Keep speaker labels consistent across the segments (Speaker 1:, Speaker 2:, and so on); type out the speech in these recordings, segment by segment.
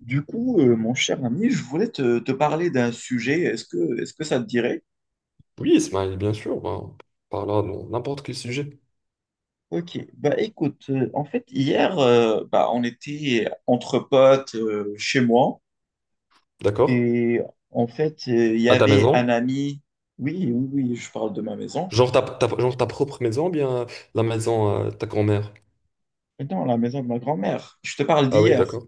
Speaker 1: Mon cher ami, je voulais te parler d'un sujet. Est-ce que ça te dirait?
Speaker 2: Oui, Ismaël, bien sûr, ben, on parlera de n'importe quel sujet.
Speaker 1: Ok, bah écoute, en fait, hier, bah, on était entre potes chez moi
Speaker 2: D'accord?
Speaker 1: et en fait, il y
Speaker 2: À ta
Speaker 1: avait un
Speaker 2: maison?
Speaker 1: ami. Oui, oui, oui, je parle de ma maison.
Speaker 2: Genre genre ta propre maison, ou bien la maison ta grand-mère.
Speaker 1: Non, la maison de ma grand-mère. Je te parle
Speaker 2: Ah oui,
Speaker 1: d'hier.
Speaker 2: d'accord.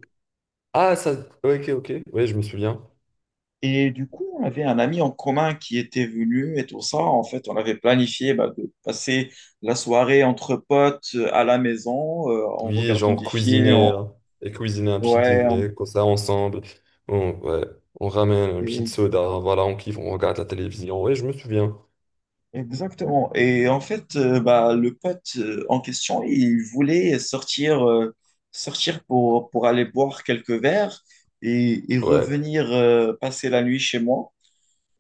Speaker 2: Ah, ça, ouais. Ok, ok. Oui, je me souviens.
Speaker 1: Et du coup, on avait un ami en commun qui était venu et tout ça. En fait, on avait planifié bah, de passer la soirée entre potes à la maison en
Speaker 2: Oui,
Speaker 1: regardant
Speaker 2: genre
Speaker 1: des films.
Speaker 2: cuisiner un petit
Speaker 1: Ouais,
Speaker 2: dîner, comme ça, ensemble. Ouais, on ramène un petit
Speaker 1: et-
Speaker 2: soda, voilà, on kiffe, on regarde la télévision. Oui, je me souviens.
Speaker 1: exactement. Et en fait, bah, le pote en question, il voulait sortir, sortir pour aller boire quelques verres et
Speaker 2: Ouais,
Speaker 1: revenir passer la nuit chez moi.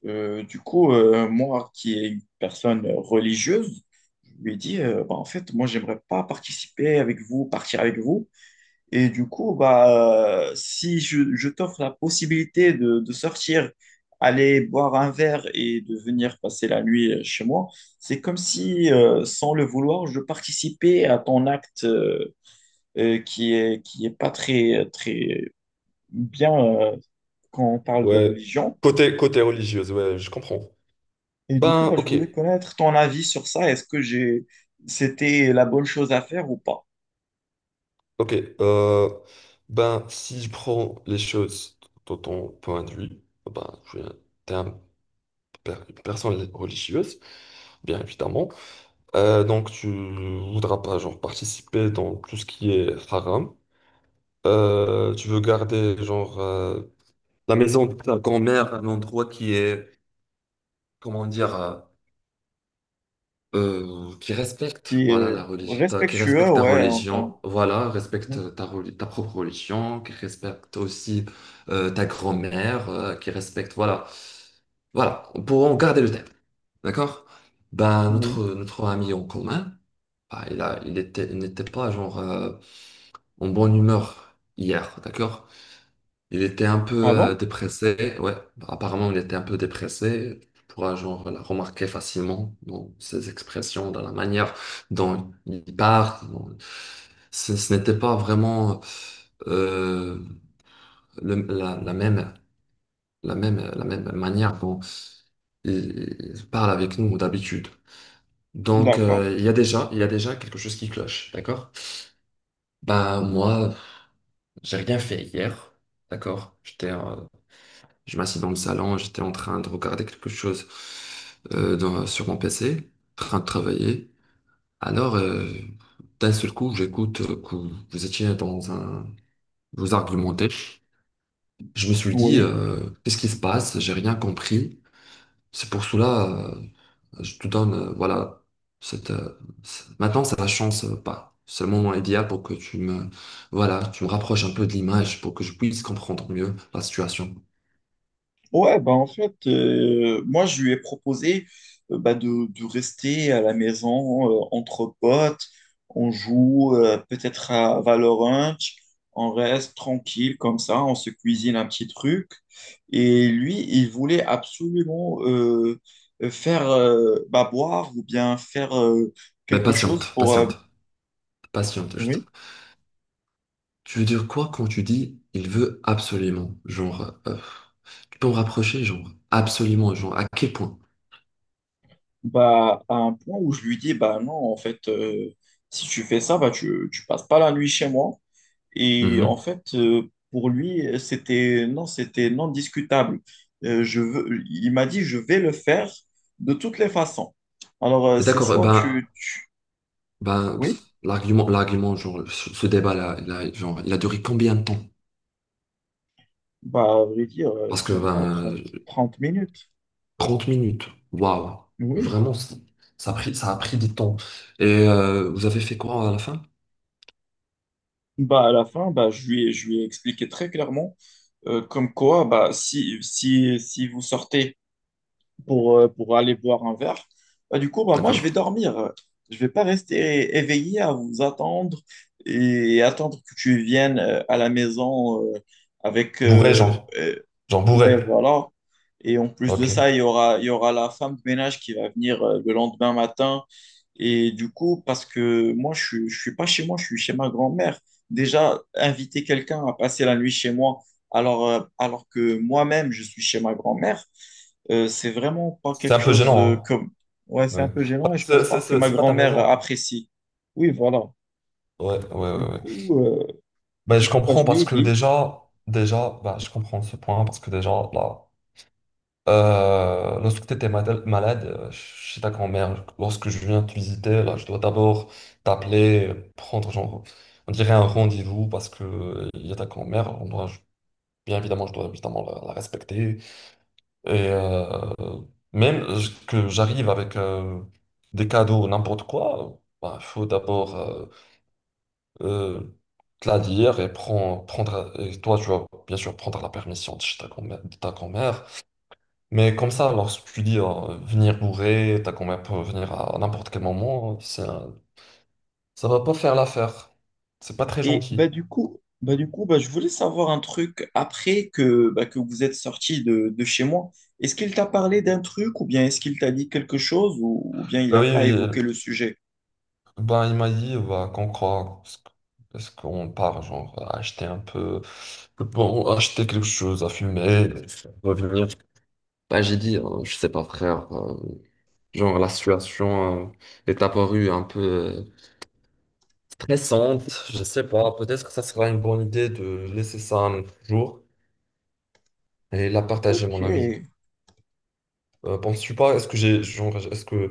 Speaker 1: Moi qui est une personne religieuse, je lui ai dit, bah, en fait, moi, j'aimerais pas participer avec vous, partir avec vous. Et du coup, bah, si je t'offre la possibilité de sortir, aller boire un verre et de venir passer la nuit chez moi, c'est comme si, sans le vouloir, je participais à ton acte qui est pas très, très bien quand on parle de
Speaker 2: ouais.
Speaker 1: religion.
Speaker 2: Côté religieuse, ouais, je comprends.
Speaker 1: Et du coup,
Speaker 2: Ben,
Speaker 1: bah, je
Speaker 2: ok.
Speaker 1: voulais connaître ton avis sur ça. C'était la bonne chose à faire ou pas?
Speaker 2: Ok, euh, ben, si je prends les choses de ton point de vue, ben, es un- une personne religieuse, bien évidemment. Donc, tu voudras pas, genre, participer dans tout ce qui est haram. Tu veux garder, genre, la maison de ta grand-mère, un endroit qui est, comment dire, qui respecte,
Speaker 1: Qui
Speaker 2: voilà,
Speaker 1: est
Speaker 2: la religion, enfin, qui
Speaker 1: respectueux,
Speaker 2: respecte ta
Speaker 1: ouais, en termes.
Speaker 2: religion, voilà,
Speaker 1: Mhm.
Speaker 2: ta propre religion, qui respecte aussi ta grand-mère, qui respecte, voilà, voilà, pour en garder le thème, d'accord. Ben,
Speaker 1: Oui.
Speaker 2: notre ami en commun, bah, il a il était il n'était pas, genre, en bonne humeur hier, d'accord, il était un peu
Speaker 1: Ah bon?
Speaker 2: dépressé, ouais. Apparemment, il était un peu dépressé. Tu pourras, genre, la remarquer facilement dans ses expressions, dans la manière dont il parle. Ce, ce n'était pas vraiment euh, la même, la même, la même manière dont il parle avec nous d'habitude. Donc,
Speaker 1: D'accord.
Speaker 2: il y a déjà, il y a déjà quelque chose qui cloche, d'accord? Ben, moi, j'ai rien fait hier, d'accord? J'étais je m'assis dans le salon, j'étais en train de regarder quelque chose sur mon PC, en train de travailler. Alors, d'un seul coup, j'écoute que vous étiez dans un... Vous argumentez. Je me suis dit,
Speaker 1: Oui.
Speaker 2: qu'est-ce qui se passe? J'ai rien compris. C'est pour cela, euh, je te donne, voilà, cette... euh, maintenant, c'est la chance, pas. C'est le moment idéal pour que tu me... Voilà, tu me rapproches un peu de l'image pour que je puisse comprendre mieux la situation.
Speaker 1: Ouais, bah en fait, moi, je lui ai proposé bah, de rester à la maison entre potes. On joue peut-être à Valorant. On reste tranquille comme ça. On se cuisine un petit truc. Et lui, il voulait absolument faire bah, boire ou bien faire
Speaker 2: Mais
Speaker 1: quelque chose pour.
Speaker 2: patiente, juste.
Speaker 1: Oui.
Speaker 2: Tu veux dire quoi quand tu dis il veut absolument? Genre, tu peux me rapprocher, genre, absolument, genre, à quel point?
Speaker 1: Bah, à un point où je lui dis, bah non, en fait, si tu fais ça, bah, tu passes pas la nuit chez moi. Et en
Speaker 2: Mhm.
Speaker 1: fait, pour lui, c'était non discutable. Je veux, il m'a dit, je vais le faire de toutes les façons. Alors,
Speaker 2: Et
Speaker 1: c'est
Speaker 2: d'accord,
Speaker 1: soit tu, oui,
Speaker 2: pff, l'argument, genre, ce débat-là, il a duré combien de temps?
Speaker 1: bah, à vrai dire,
Speaker 2: Parce que,
Speaker 1: même pas
Speaker 2: ben,
Speaker 1: trente minutes.
Speaker 2: 30 minutes, waouh,
Speaker 1: Oui.
Speaker 2: vraiment, ça a pris du temps. Et vous avez fait quoi à la fin?
Speaker 1: Bah, à la fin, bah, je lui ai expliqué très clairement, comme quoi, bah, si vous sortez pour aller boire un verre. Bah, du coup, bah, moi, je vais
Speaker 2: D'accord?
Speaker 1: dormir. Je vais pas rester éveillé à vous attendre et attendre que tu viennes à la maison avec...
Speaker 2: Bourré,
Speaker 1: euh,
Speaker 2: genre.
Speaker 1: euh,
Speaker 2: Genre
Speaker 1: ouais,
Speaker 2: bourré.
Speaker 1: voilà. Et en plus de ça, il
Speaker 2: Ok.
Speaker 1: y aura, il y aura la femme de ménage qui va venir le lendemain matin. Et du coup, parce que moi, je ne suis pas chez moi, je suis chez ma grand-mère. Déjà, inviter quelqu'un à passer la nuit chez moi, alors que moi-même, je suis chez ma grand-mère, c'est vraiment pas
Speaker 2: C'est un
Speaker 1: quelque
Speaker 2: peu
Speaker 1: chose
Speaker 2: gênant,
Speaker 1: comme... Ouais,
Speaker 2: hein.
Speaker 1: c'est un
Speaker 2: Ouais.
Speaker 1: peu gênant
Speaker 2: Ah,
Speaker 1: et je pense pas que ma
Speaker 2: C'est pas ta
Speaker 1: grand-mère
Speaker 2: maison.
Speaker 1: apprécie. Oui, voilà. Du
Speaker 2: Ouais.
Speaker 1: coup, euh,
Speaker 2: Ben,
Speaker 1: du
Speaker 2: je
Speaker 1: coup bah,
Speaker 2: comprends,
Speaker 1: je lui
Speaker 2: parce
Speaker 1: ai
Speaker 2: que
Speaker 1: dit.
Speaker 2: ben, je comprends ce point parce que déjà, là, lorsque tu étais malade, chez ta grand-mère, lorsque je viens te visiter, là, je dois d'abord t'appeler, prendre, genre, on dirait un rendez-vous parce que il y a ta grand-mère, on doit, bien évidemment, je dois évidemment la respecter. Et même que j'arrive avec des cadeaux, n'importe quoi, il faut d'abord, euh, te la dire et prendre, et toi, tu vas bien sûr prendre la permission de chez ta grand-mère, de ta grand-mère. Mais comme ça, lorsque tu dis venir bourré, ta grand-mère peut venir à n'importe quel moment, ça va pas faire l'affaire. C'est pas très
Speaker 1: Et bah,
Speaker 2: gentil.
Speaker 1: du coup, bah, je voulais savoir un truc après que, bah, que vous êtes sorti de chez moi. Est-ce qu'il t'a parlé d'un truc ou bien est-ce qu'il t'a dit quelque chose ou bien il n'a pas
Speaker 2: Oui,
Speaker 1: évoqué le sujet?
Speaker 2: ben, il m'a dit bah, qu'on croit. Est-ce qu'on part, genre, à acheter un peu, bon, acheter quelque chose à fumer, revenir? Ben, j'ai dit, je sais pas, frère. Genre, la situation est apparue un peu stressante. Je sais pas, peut-être que ça sera une bonne idée de laisser ça un autre jour et la partager, mon
Speaker 1: Ok,
Speaker 2: avis. Penses-tu pas, est-ce que j'ai, genre, est-ce que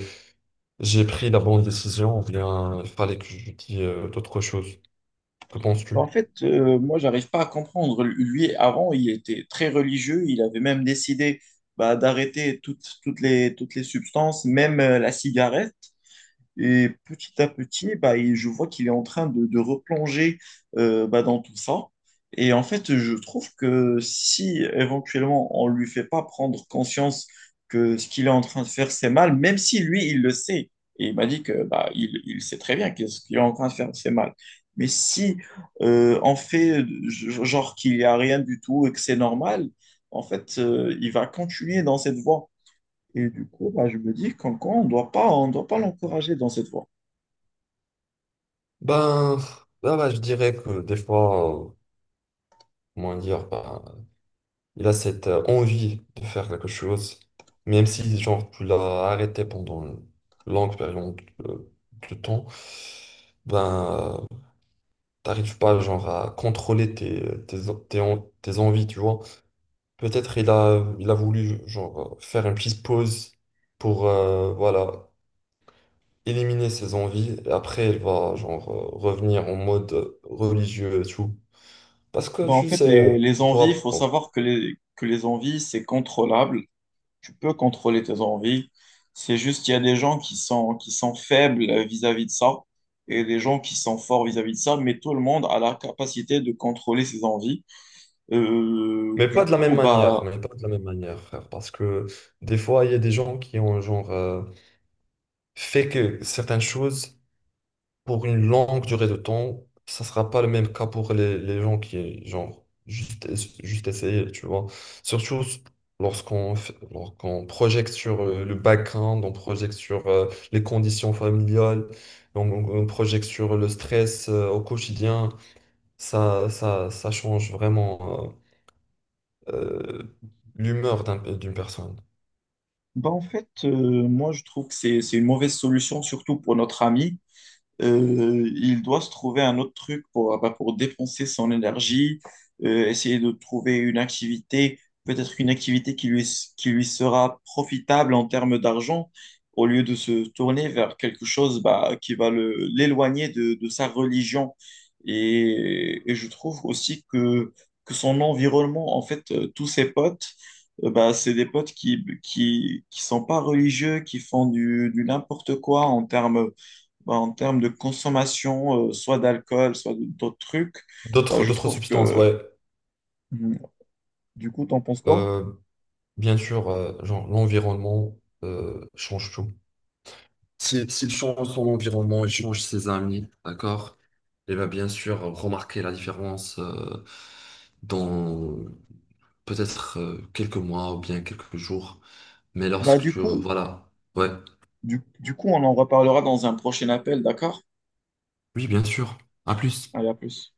Speaker 2: j'ai pris la bonne décision ou bien il fallait que je dise d'autres choses? Que
Speaker 1: en
Speaker 2: penses-tu?
Speaker 1: fait, moi, j'arrive pas à comprendre. Lui, avant, il était très religieux. Il avait même décidé bah, d'arrêter toutes les substances, même la cigarette. Et petit à petit, bah, je vois qu'il est en train de replonger bah, dans tout ça. Et en fait, je trouve que si éventuellement on ne lui fait pas prendre conscience que ce qu'il est en train de faire, c'est mal, même si lui, il le sait, et il m'a dit que bah, il sait très bien que ce qu'il est en train de faire, c'est mal. Mais si on fait genre qu'il n'y a rien du tout et que c'est normal, en fait, il va continuer dans cette voie. Et du coup, bah, je me dis qu'encore, on doit pas l'encourager dans cette voie.
Speaker 2: Ben, bah, je dirais que des fois, comment dire, ben, il a cette envie de faire quelque chose, même si genre tu l'as arrêté pendant une longue période euh, de temps, ben, t'arrives pas genre à contrôler tes envies, tu vois. Peut-être il a voulu genre faire une petite pause pour, voilà, éliminer ses envies et après il va, genre, revenir en mode religieux et tout. Parce que
Speaker 1: Ben, en
Speaker 2: tu
Speaker 1: fait,
Speaker 2: sais, on pourra,
Speaker 1: il faut savoir que les envies, c'est contrôlable. Tu peux contrôler tes envies. C'est juste qu'il y a des gens qui sont faibles vis-à-vis de ça et des gens qui sont forts vis-à-vis de ça, mais tout le monde a la capacité de contrôler ses envies. Euh,
Speaker 2: mais
Speaker 1: du
Speaker 2: pas de la même
Speaker 1: coup,
Speaker 2: manière,
Speaker 1: bah,
Speaker 2: mais pas de la même manière, frère. Parce que des fois, il y a des gens qui ont genre fait que certaines choses pour une longue durée de temps, ça sera pas le même cas pour les gens qui, genre, juste essayer, tu vois. Surtout lorsqu'on projette sur le background, on projette sur les conditions familiales, on projette sur le stress au quotidien. Ça change vraiment euh, l'humeur d'une personne.
Speaker 1: Bah en fait, moi, je trouve que c'est une mauvaise solution, surtout pour notre ami, il doit se trouver un autre truc pour, ah bah, pour dépenser son énergie, essayer de trouver une activité, peut-être une activité qui lui sera profitable en termes d'argent, au lieu de se tourner vers quelque chose bah, qui va l'éloigner de sa religion. Et je trouve aussi que son environnement, en fait, tous ses potes, bah, c'est des potes qui sont pas religieux, qui font du n'importe quoi en termes bah, en termes de consommation, soit d'alcool, d'autres trucs. Bah, je
Speaker 2: D'autres
Speaker 1: trouve
Speaker 2: substances,
Speaker 1: que,
Speaker 2: ouais.
Speaker 1: hmm, du coup, t'en penses quoi?
Speaker 2: Euh, bien sûr, genre, l'environnement change tout. S'il change son environnement, il change ses amis, d'accord? Il va bien sûr remarquer la différence dans peut-être quelques mois ou bien quelques jours. Mais
Speaker 1: Bah,
Speaker 2: lorsque
Speaker 1: du
Speaker 2: tu...
Speaker 1: coup,
Speaker 2: Voilà. Ouais.
Speaker 1: du coup, on en reparlera dans un prochain appel, d'accord?
Speaker 2: Oui, bien sûr. À plus.
Speaker 1: Allez, à plus.